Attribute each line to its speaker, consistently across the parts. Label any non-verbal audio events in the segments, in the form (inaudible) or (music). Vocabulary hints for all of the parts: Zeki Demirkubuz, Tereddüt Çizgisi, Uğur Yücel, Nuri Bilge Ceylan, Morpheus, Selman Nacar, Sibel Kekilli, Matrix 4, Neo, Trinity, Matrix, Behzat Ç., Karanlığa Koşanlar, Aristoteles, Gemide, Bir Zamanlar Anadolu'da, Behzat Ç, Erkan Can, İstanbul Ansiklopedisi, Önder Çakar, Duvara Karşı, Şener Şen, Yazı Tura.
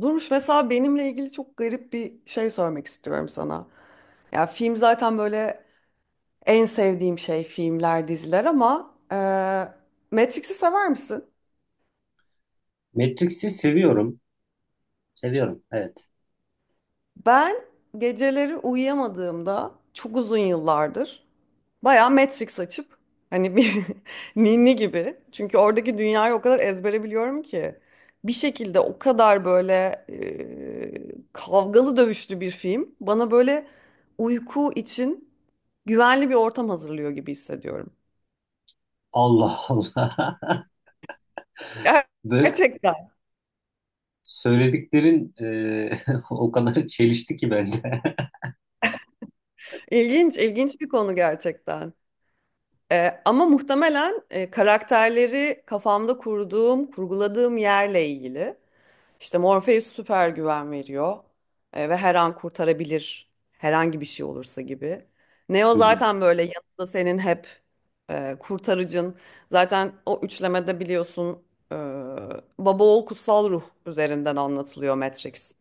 Speaker 1: Duruş mesela benimle ilgili çok garip bir şey sormak istiyorum sana. Ya film zaten böyle en sevdiğim şey filmler, diziler ama Matrix'i sever misin?
Speaker 2: Matrix'i seviyorum. Seviyorum. Evet.
Speaker 1: Ben geceleri uyuyamadığımda çok uzun yıllardır bayağı Matrix açıp hani bir (laughs) ninni gibi, çünkü oradaki dünyayı o kadar ezbere biliyorum ki bir şekilde o kadar böyle kavgalı dövüşlü bir film bana böyle uyku için güvenli bir ortam hazırlıyor gibi hissediyorum.
Speaker 2: Allah Allah.
Speaker 1: Ger-
Speaker 2: (laughs) Böyle
Speaker 1: Gerçekten.
Speaker 2: söylediklerin (laughs) o kadar çelişti ki bende. (laughs)
Speaker 1: İlginç, ilginç bir konu gerçekten. Ama muhtemelen karakterleri kafamda kurduğum, kurguladığım yerle ilgili. İşte Morpheus süper güven veriyor, ve her an kurtarabilir herhangi bir şey olursa gibi. Neo
Speaker 2: Hı hı.
Speaker 1: zaten böyle yanında senin hep kurtarıcın. Zaten o üçlemede biliyorsun, e, baba oğul kutsal ruh üzerinden anlatılıyor Matrix.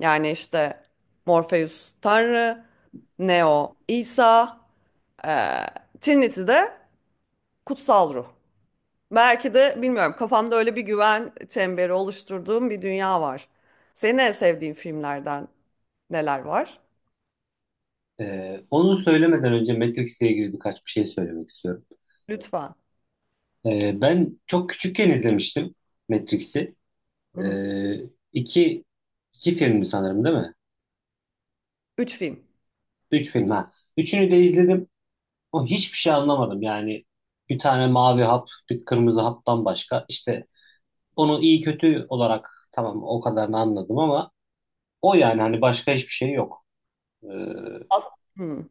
Speaker 1: Yani işte Morpheus Tanrı, Neo İsa, eee Trinity de kutsal ruh. Belki de bilmiyorum, kafamda öyle bir güven çemberi oluşturduğum bir dünya var. Senin en sevdiğin filmlerden neler var?
Speaker 2: Onu söylemeden önce Matrix'le ilgili birkaç bir şey söylemek istiyorum.
Speaker 1: Lütfen.
Speaker 2: Ben çok küçükken izlemiştim Matrix'i.
Speaker 1: Hı
Speaker 2: E,
Speaker 1: hı.
Speaker 2: iki, iki filmdi sanırım, değil mi?
Speaker 1: Üç film.
Speaker 2: Üç film ha. Üçünü de izledim. O hiçbir şey anlamadım. Yani bir tane mavi hap, bir kırmızı haptan başka. İşte onu iyi kötü olarak, tamam, o kadarını anladım, ama o yani hani başka hiçbir şey yok. Ee,
Speaker 1: As Hı.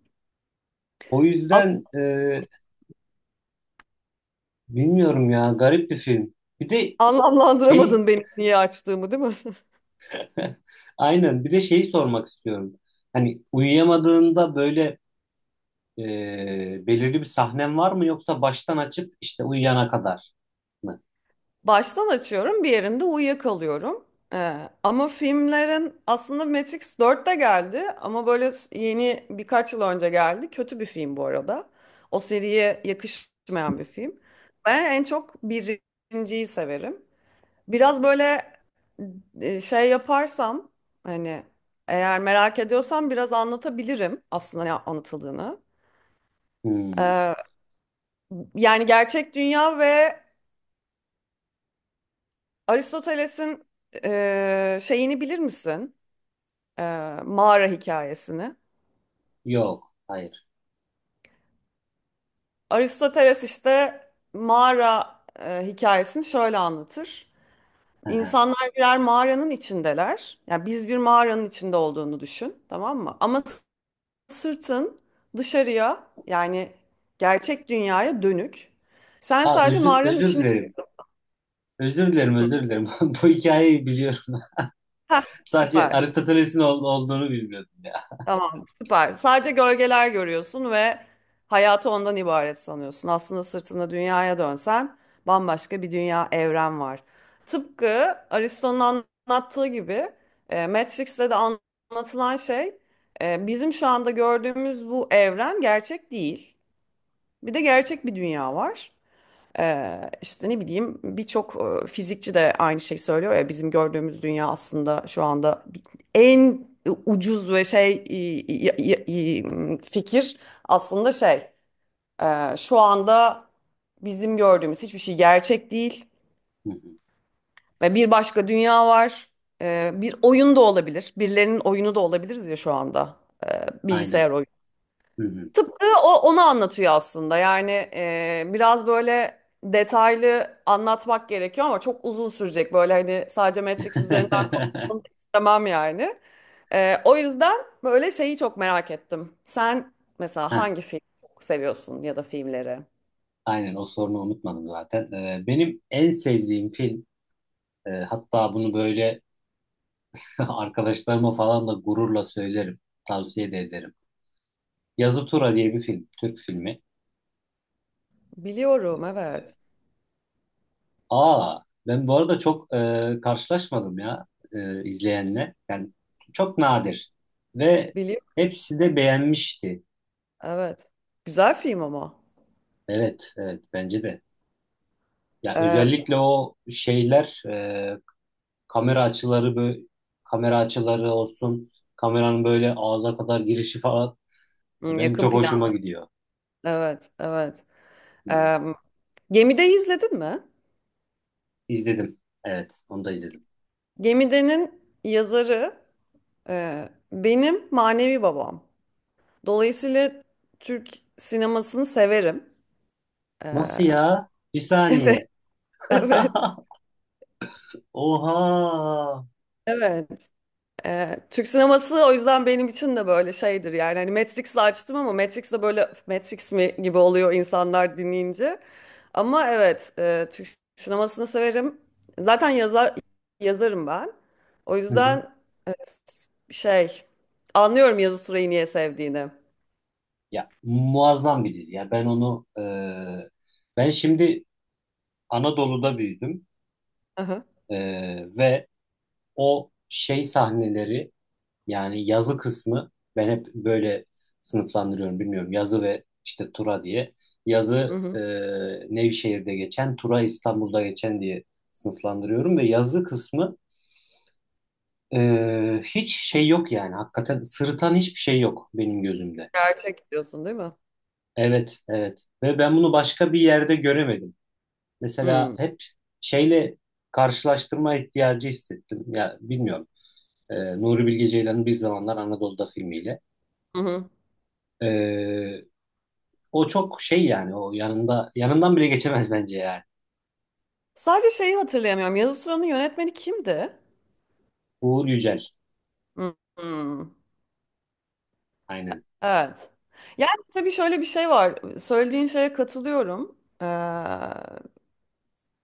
Speaker 2: O
Speaker 1: As
Speaker 2: yüzden bilmiyorum ya, garip bir film. Bir de şey
Speaker 1: Anlamlandıramadın benim niye açtığımı, değil mi? (laughs)
Speaker 2: (laughs) aynen, bir de şeyi sormak istiyorum. Hani uyuyamadığında böyle belirli bir sahnen var mı, yoksa baştan açıp işte uyuyana kadar mı?
Speaker 1: Baştan açıyorum, bir yerinde uyuyakalıyorum. Ama filmlerin aslında Matrix 4 de geldi, ama böyle yeni birkaç yıl önce geldi. Kötü bir film bu arada. O seriye yakışmayan bir film. Ben en çok birinciyi severim. Biraz böyle şey yaparsam, hani eğer merak ediyorsam biraz anlatabilirim aslında ne anlatıldığını.
Speaker 2: Hmm,
Speaker 1: Ee, Yani gerçek dünya ve Aristoteles'in şeyini bilir misin? e, Mağara hikayesini.
Speaker 2: yok, hayır.
Speaker 1: Aristoteles işte mağara hikayesini şöyle anlatır.
Speaker 2: Hı hı.
Speaker 1: İnsanlar birer mağaranın içindeler. Yani biz bir mağaranın içinde olduğunu düşün, tamam mı? Ama sırtın dışarıya, yani gerçek dünyaya dönük. Sen
Speaker 2: Aa,
Speaker 1: sadece mağaranın
Speaker 2: özür
Speaker 1: içine...
Speaker 2: dilerim. Özür dilerim. (laughs) Bu hikayeyi biliyorum.
Speaker 1: Heh,
Speaker 2: Sadece
Speaker 1: süper.
Speaker 2: Aristoteles'in olduğunu bilmiyordum ya.
Speaker 1: Tamam, süper. Sadece gölgeler görüyorsun ve hayatı ondan ibaret sanıyorsun. Aslında sırtında dünyaya dönsen bambaşka bir dünya, evren var. Tıpkı Aristo'nun anlattığı gibi, Matrix'te de anlatılan şey, bizim şu anda gördüğümüz bu evren gerçek değil. Bir de gerçek bir dünya var. İşte ne bileyim birçok fizikçi de aynı şeyi söylüyor ya, bizim gördüğümüz dünya aslında şu anda en ucuz ve şey fikir aslında şey, şu anda bizim gördüğümüz hiçbir şey gerçek değil
Speaker 2: Hı hı.
Speaker 1: ve bir başka dünya var. Bir oyun da olabilir, birilerinin oyunu da olabiliriz ya şu anda. Bilgisayar.
Speaker 2: Aynen. Hı hı.
Speaker 1: Tıpkı onu anlatıyor aslında. Yani biraz böyle detaylı anlatmak gerekiyor ama çok uzun sürecek. Böyle hani sadece Matrix üzerinden konuşalım da
Speaker 2: (laughs)
Speaker 1: istemem yani. O yüzden böyle şeyi çok merak ettim. Sen mesela
Speaker 2: Heh,
Speaker 1: hangi film çok seviyorsun ya da filmleri?
Speaker 2: aynen, o sorunu unutmadım zaten. Benim en sevdiğim film, hatta bunu böyle (laughs) arkadaşlarıma falan da gururla söylerim. Tavsiye de ederim. Yazı Tura diye bir film. Türk filmi.
Speaker 1: Biliyorum,
Speaker 2: Ee,
Speaker 1: evet.
Speaker 2: Aa, ben bu arada çok karşılaşmadım ya izleyenle. Yani çok nadir. Ve
Speaker 1: Biliyorum,
Speaker 2: hepsi de beğenmişti.
Speaker 1: evet. Güzel film ama.
Speaker 2: Evet, evet, bence de. Ya
Speaker 1: E,
Speaker 2: özellikle o şeyler, kamera açıları, böyle kamera açıları olsun, kameranın böyle ağza kadar girişi falan
Speaker 1: hmm,
Speaker 2: benim
Speaker 1: yakın
Speaker 2: çok
Speaker 1: plan.
Speaker 2: hoşuma gidiyor.
Speaker 1: Evet, evet.
Speaker 2: Hı hı.
Speaker 1: E, Gemide'yi izledin mi?
Speaker 2: İzledim. Evet, onu da izledim.
Speaker 1: Gemide'nin yazarı, benim manevi babam. Dolayısıyla Türk sinemasını severim. Ee,
Speaker 2: Nasıl ya? Bir
Speaker 1: (laughs)
Speaker 2: saniye.
Speaker 1: evet,
Speaker 2: (laughs) Oha.
Speaker 1: evet. Türk sineması o yüzden benim için de böyle şeydir yani. Hani Matrix'i açtım ama Matrix de böyle "Öf, Matrix mi" gibi oluyor insanlar dinleyince. Ama evet, Türk sinemasını severim. Zaten yazarım ben. O
Speaker 2: Hı hı.
Speaker 1: yüzden evet, şey, anlıyorum yazı süreyi niye sevdiğini.
Speaker 2: Ya muazzam bir dizi. Ya ben şimdi Anadolu'da büyüdüm.
Speaker 1: Hı.
Speaker 2: E, ve o şey sahneleri, yani yazı kısmı, ben hep böyle sınıflandırıyorum, bilmiyorum. Yazı ve işte Tura diye.
Speaker 1: Hı
Speaker 2: Yazı,
Speaker 1: hı.
Speaker 2: Nevşehir'de geçen; Tura, İstanbul'da geçen diye sınıflandırıyorum, ve yazı kısmı, hiç şey yok yani. Hakikaten sırıtan hiçbir şey yok benim gözümde.
Speaker 1: Gerçek diyorsun değil mi?
Speaker 2: Evet, evet. Ve ben bunu başka bir yerde göremedim. Mesela
Speaker 1: Hmm.
Speaker 2: hep şeyle karşılaştırma ihtiyacı hissettim. Ya bilmiyorum. E, Nuri Bilge Ceylan'ın Bir Zamanlar Anadolu'da filmiyle.
Speaker 1: Hı hı.
Speaker 2: Ee, O çok şey, yani o yanında, yanından bile geçemez bence yani.
Speaker 1: Sadece şeyi hatırlayamıyorum. Yazı Tura'nın yönetmeni kimdi?
Speaker 2: Uğur Yücel.
Speaker 1: Hmm, hmm.
Speaker 2: Aynen.
Speaker 1: Evet. Yani tabii şöyle bir şey var. Söylediğin şeye katılıyorum.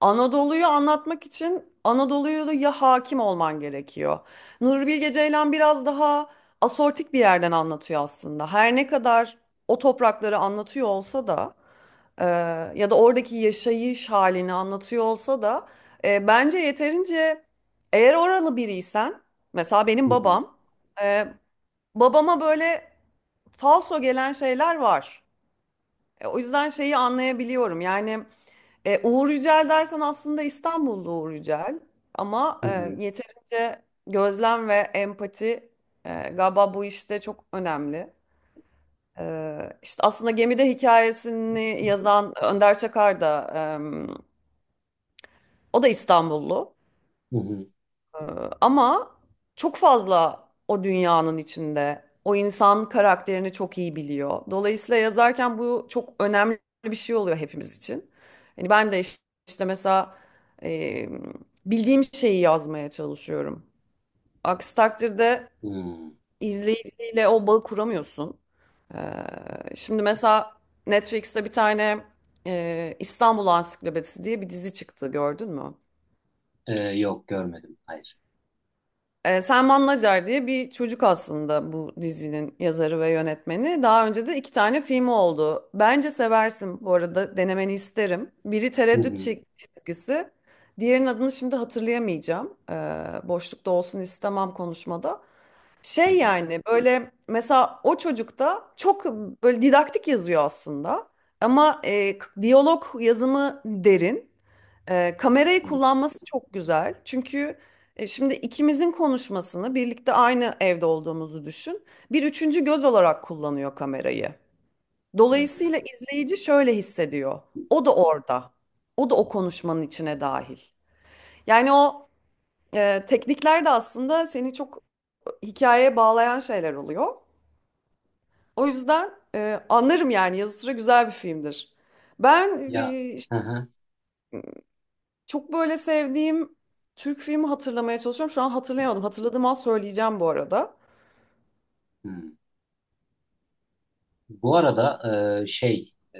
Speaker 1: Anadolu'yu anlatmak için Anadolu'ya hakim olman gerekiyor. Nuri Bilge Ceylan biraz daha asortik bir yerden anlatıyor aslında. Her ne kadar o toprakları anlatıyor olsa da, e, ya da oradaki yaşayış halini anlatıyor olsa da, bence yeterince, eğer oralı biriysen, mesela
Speaker 2: Hı
Speaker 1: benim
Speaker 2: hı.
Speaker 1: babam, e, babama böyle falso gelen şeyler var. O yüzden şeyi anlayabiliyorum yani, Uğur Yücel dersen aslında İstanbullu Uğur Yücel, ama
Speaker 2: Hı hı.
Speaker 1: yeterince gözlem ve empati, galiba bu işte çok önemli. İşte aslında Gemide hikayesini yazan Önder Çakar da, e, o da İstanbullu.
Speaker 2: Hı hı.
Speaker 1: Ee, Ama çok fazla o dünyanın içinde. O insan karakterini çok iyi biliyor. Dolayısıyla yazarken bu çok önemli bir şey oluyor hepimiz için. Hani ben de işte mesela e, bildiğim şeyi yazmaya çalışıyorum. Aksi takdirde
Speaker 2: Hı.
Speaker 1: izleyiciyle o bağı kuramıyorsun. Şimdi mesela Netflix'te bir tane İstanbul Ansiklopedisi diye bir dizi çıktı, gördün mü?
Speaker 2: Yok, görmedim. Hayır.
Speaker 1: Selman Nacar diye bir çocuk aslında bu dizinin yazarı ve yönetmeni. Daha önce de iki tane filmi oldu. Bence seversin, bu arada denemeni isterim. Biri
Speaker 2: Hı
Speaker 1: Tereddüt
Speaker 2: hı.
Speaker 1: Çizgisi. Diğerinin adını şimdi hatırlayamayacağım. Boşlukta olsun istemem konuşmada.
Speaker 2: Hı
Speaker 1: Şey
Speaker 2: hı.
Speaker 1: yani böyle mesela o çocukta çok böyle didaktik yazıyor aslında. Ama diyalog yazımı derin. Kamerayı
Speaker 2: Hı hı.
Speaker 1: kullanması çok güzel. Çünkü şimdi ikimizin konuşmasını birlikte aynı evde olduğumuzu düşün. Bir üçüncü göz olarak kullanıyor kamerayı.
Speaker 2: Hı.
Speaker 1: Dolayısıyla
Speaker 2: Hı.
Speaker 1: izleyici şöyle hissediyor. O da orada. O da o konuşmanın içine dahil. Yani o teknikler de aslında seni çok hikayeye bağlayan şeyler oluyor. O yüzden anlarım yani, yazı tura güzel bir filmdir. Ben
Speaker 2: Ya, hı hı.
Speaker 1: çok böyle sevdiğim Türk filmi hatırlamaya çalışıyorum. Şu an hatırlayamadım. Hatırladığım an söyleyeceğim bu arada.
Speaker 2: Hı. Bu arada, e, şey e,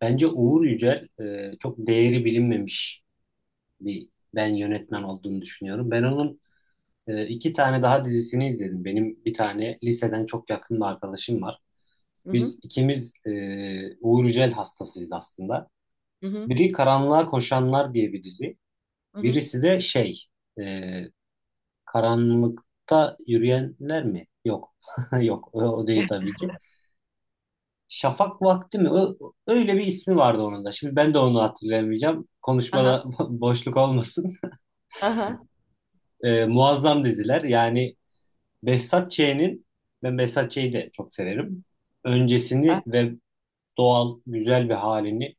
Speaker 2: bence Uğur Yücel, çok değeri bilinmemiş bir, ben yönetmen olduğunu düşünüyorum. Ben onun iki tane daha dizisini izledim. Benim bir tane liseden çok yakın bir arkadaşım var.
Speaker 1: Hı hı
Speaker 2: Biz ikimiz, Uğur Yücel hastasıyız aslında.
Speaker 1: hı hı.
Speaker 2: Biri Karanlığa Koşanlar diye bir dizi.
Speaker 1: Hı hı.
Speaker 2: Birisi de e, Karanlıkta Yürüyenler mi? Yok. (laughs) Yok, o, o değil tabii ki. Şafak Vakti mi? Öyle bir ismi vardı onun da. Şimdi ben de onu hatırlayamayacağım.
Speaker 1: Aha,
Speaker 2: Konuşmada (laughs) boşluk olmasın.
Speaker 1: aha.
Speaker 2: E, muazzam diziler. Yani Behzat Ç'nin, Behzat Ç'yi de çok severim. Öncesini
Speaker 1: Aha.
Speaker 2: ve doğal, güzel bir halini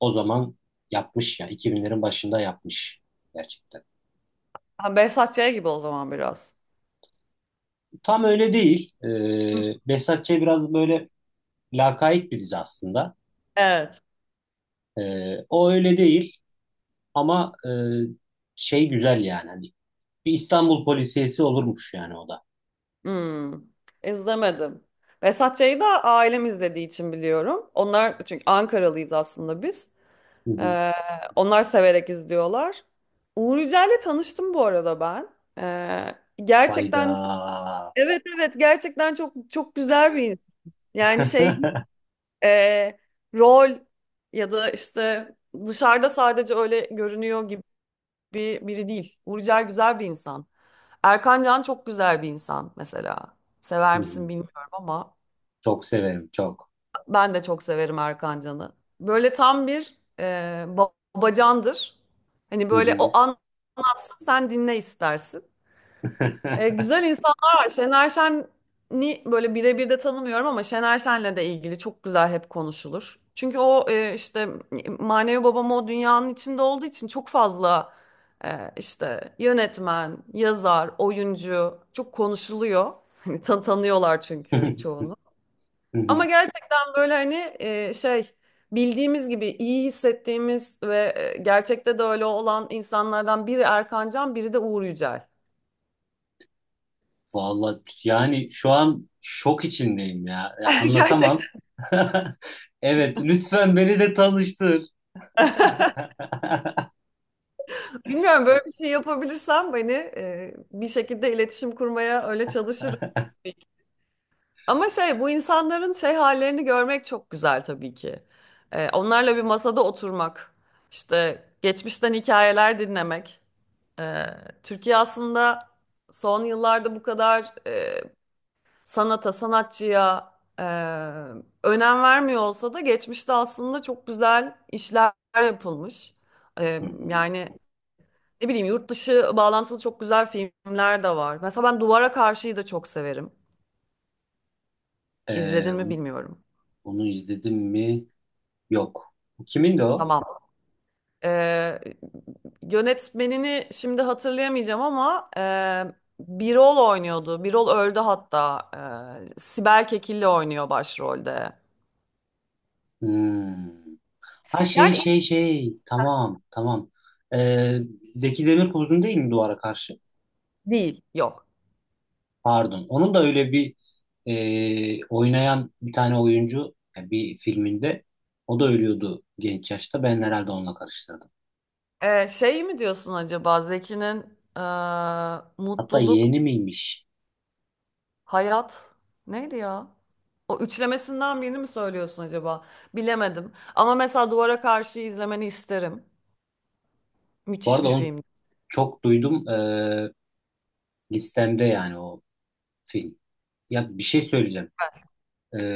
Speaker 2: o zaman yapmış ya. 2000'lerin başında yapmış gerçekten.
Speaker 1: Ha, Behzat Ç. gibi o zaman biraz.
Speaker 2: Tam öyle değil.
Speaker 1: Hı.
Speaker 2: Behzat Ç biraz böyle lakayt bir dizi aslında.
Speaker 1: Evet.
Speaker 2: O öyle değil ama, şey güzel yani. Hani bir İstanbul polisiyesi olurmuş yani o da.
Speaker 1: Hmm, izlemedim. Vesat Çay'ı da ailem izlediği için biliyorum. Onlar, çünkü Ankaralıyız aslında biz.
Speaker 2: Hı hı.
Speaker 1: Ee, Onlar severek izliyorlar. Uğur Yücel'le tanıştım bu arada ben.
Speaker 2: Hayda.
Speaker 1: Gerçekten, evet evet, gerçekten çok çok güzel bir insan.
Speaker 2: (laughs)
Speaker 1: Yani şey,
Speaker 2: Hı
Speaker 1: e, rol ya da işte dışarıda sadece öyle görünüyor gibi biri değil. Uğur Yücel güzel bir insan. Erkan Can çok güzel bir insan mesela. Sever
Speaker 2: hı.
Speaker 1: misin bilmiyorum ama.
Speaker 2: Çok severim, çok.
Speaker 1: Ben de çok severim Erkan Can'ı. Böyle tam bir e, babacandır. Hani böyle, o anlatsın sen dinle istersin. E, güzel insanlar var. Şener Şen'i böyle birebir de tanımıyorum ama Şener Şen'le de ilgili çok güzel hep konuşulur. Çünkü o, işte manevi babam o dünyanın içinde olduğu için çok fazla işte yönetmen, yazar, oyuncu çok konuşuluyor. (laughs) Hani tanıyorlar çünkü
Speaker 2: Hı
Speaker 1: çoğunu. Ama
Speaker 2: hı. (laughs)
Speaker 1: gerçekten böyle hani şey, bildiğimiz gibi iyi hissettiğimiz ve gerçekte de öyle olan insanlardan biri Erkan Can, biri de Uğur Yücel.
Speaker 2: Vallahi yani şu an şok içindeyim ya. Ya
Speaker 1: (laughs)
Speaker 2: anlatamam.
Speaker 1: Gerçekten.
Speaker 2: (laughs) Evet, lütfen beni de tanıştır.
Speaker 1: (laughs) Bilmiyorum, böyle bir şey yapabilirsem beni bir şekilde iletişim kurmaya öyle çalışırım. Ama şey, bu insanların şey hallerini görmek çok güzel tabii ki. Onlarla bir masada oturmak, işte geçmişten hikayeler dinlemek. E, Türkiye aslında son yıllarda bu kadar sanata, sanatçıya e, önem vermiyor olsa da geçmişte aslında çok güzel işler yapılmış. E,
Speaker 2: Hı hı.
Speaker 1: Yani ne bileyim, yurt dışı bağlantılı çok güzel filmler de var. Mesela ben Duvara Karşı'yı da çok severim.
Speaker 2: Ee,
Speaker 1: İzledin mi
Speaker 2: onu,
Speaker 1: bilmiyorum.
Speaker 2: onu izledim mi? Yok. Kimin de o?
Speaker 1: Tamam. E, Yönetmenini şimdi hatırlayamayacağım ama Birol oynuyordu. Birol öldü hatta. Sibel Kekilli oynuyor başrolde.
Speaker 2: Hmm. Ha,
Speaker 1: Yani
Speaker 2: şey. Tamam, tamam. Ee, Zeki Demirkubuz'un değil mi Duvara Karşı?
Speaker 1: değil, yok.
Speaker 2: Pardon. Onun da öyle bir, oynayan bir tane oyuncu, yani bir filminde o da ölüyordu genç yaşta. Ben herhalde onunla karıştırdım.
Speaker 1: Şey mi diyorsun acaba, Zeki'nin e,
Speaker 2: Hatta
Speaker 1: mutluluk,
Speaker 2: yeğeni miymiş?
Speaker 1: hayat neydi ya? O üçlemesinden birini mi söylüyorsun acaba? Bilemedim. Ama mesela Duvara Karşı izlemeni isterim.
Speaker 2: Bu
Speaker 1: Müthiş bir
Speaker 2: arada onu
Speaker 1: film.
Speaker 2: çok duydum, listemde yani o film. Ya bir şey söyleyeceğim.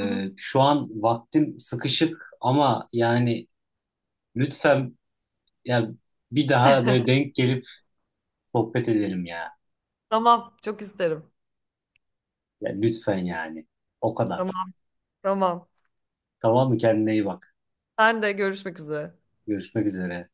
Speaker 1: Hı hı.
Speaker 2: Şu an vaktim sıkışık ama yani lütfen, ya, bir daha böyle denk gelip sohbet edelim ya.
Speaker 1: Tamam, çok isterim.
Speaker 2: Ya lütfen yani. O kadar.
Speaker 1: Tamam, tamam.
Speaker 2: Tamam mı? Kendine iyi bak.
Speaker 1: Sen de görüşmek üzere.
Speaker 2: Görüşmek üzere.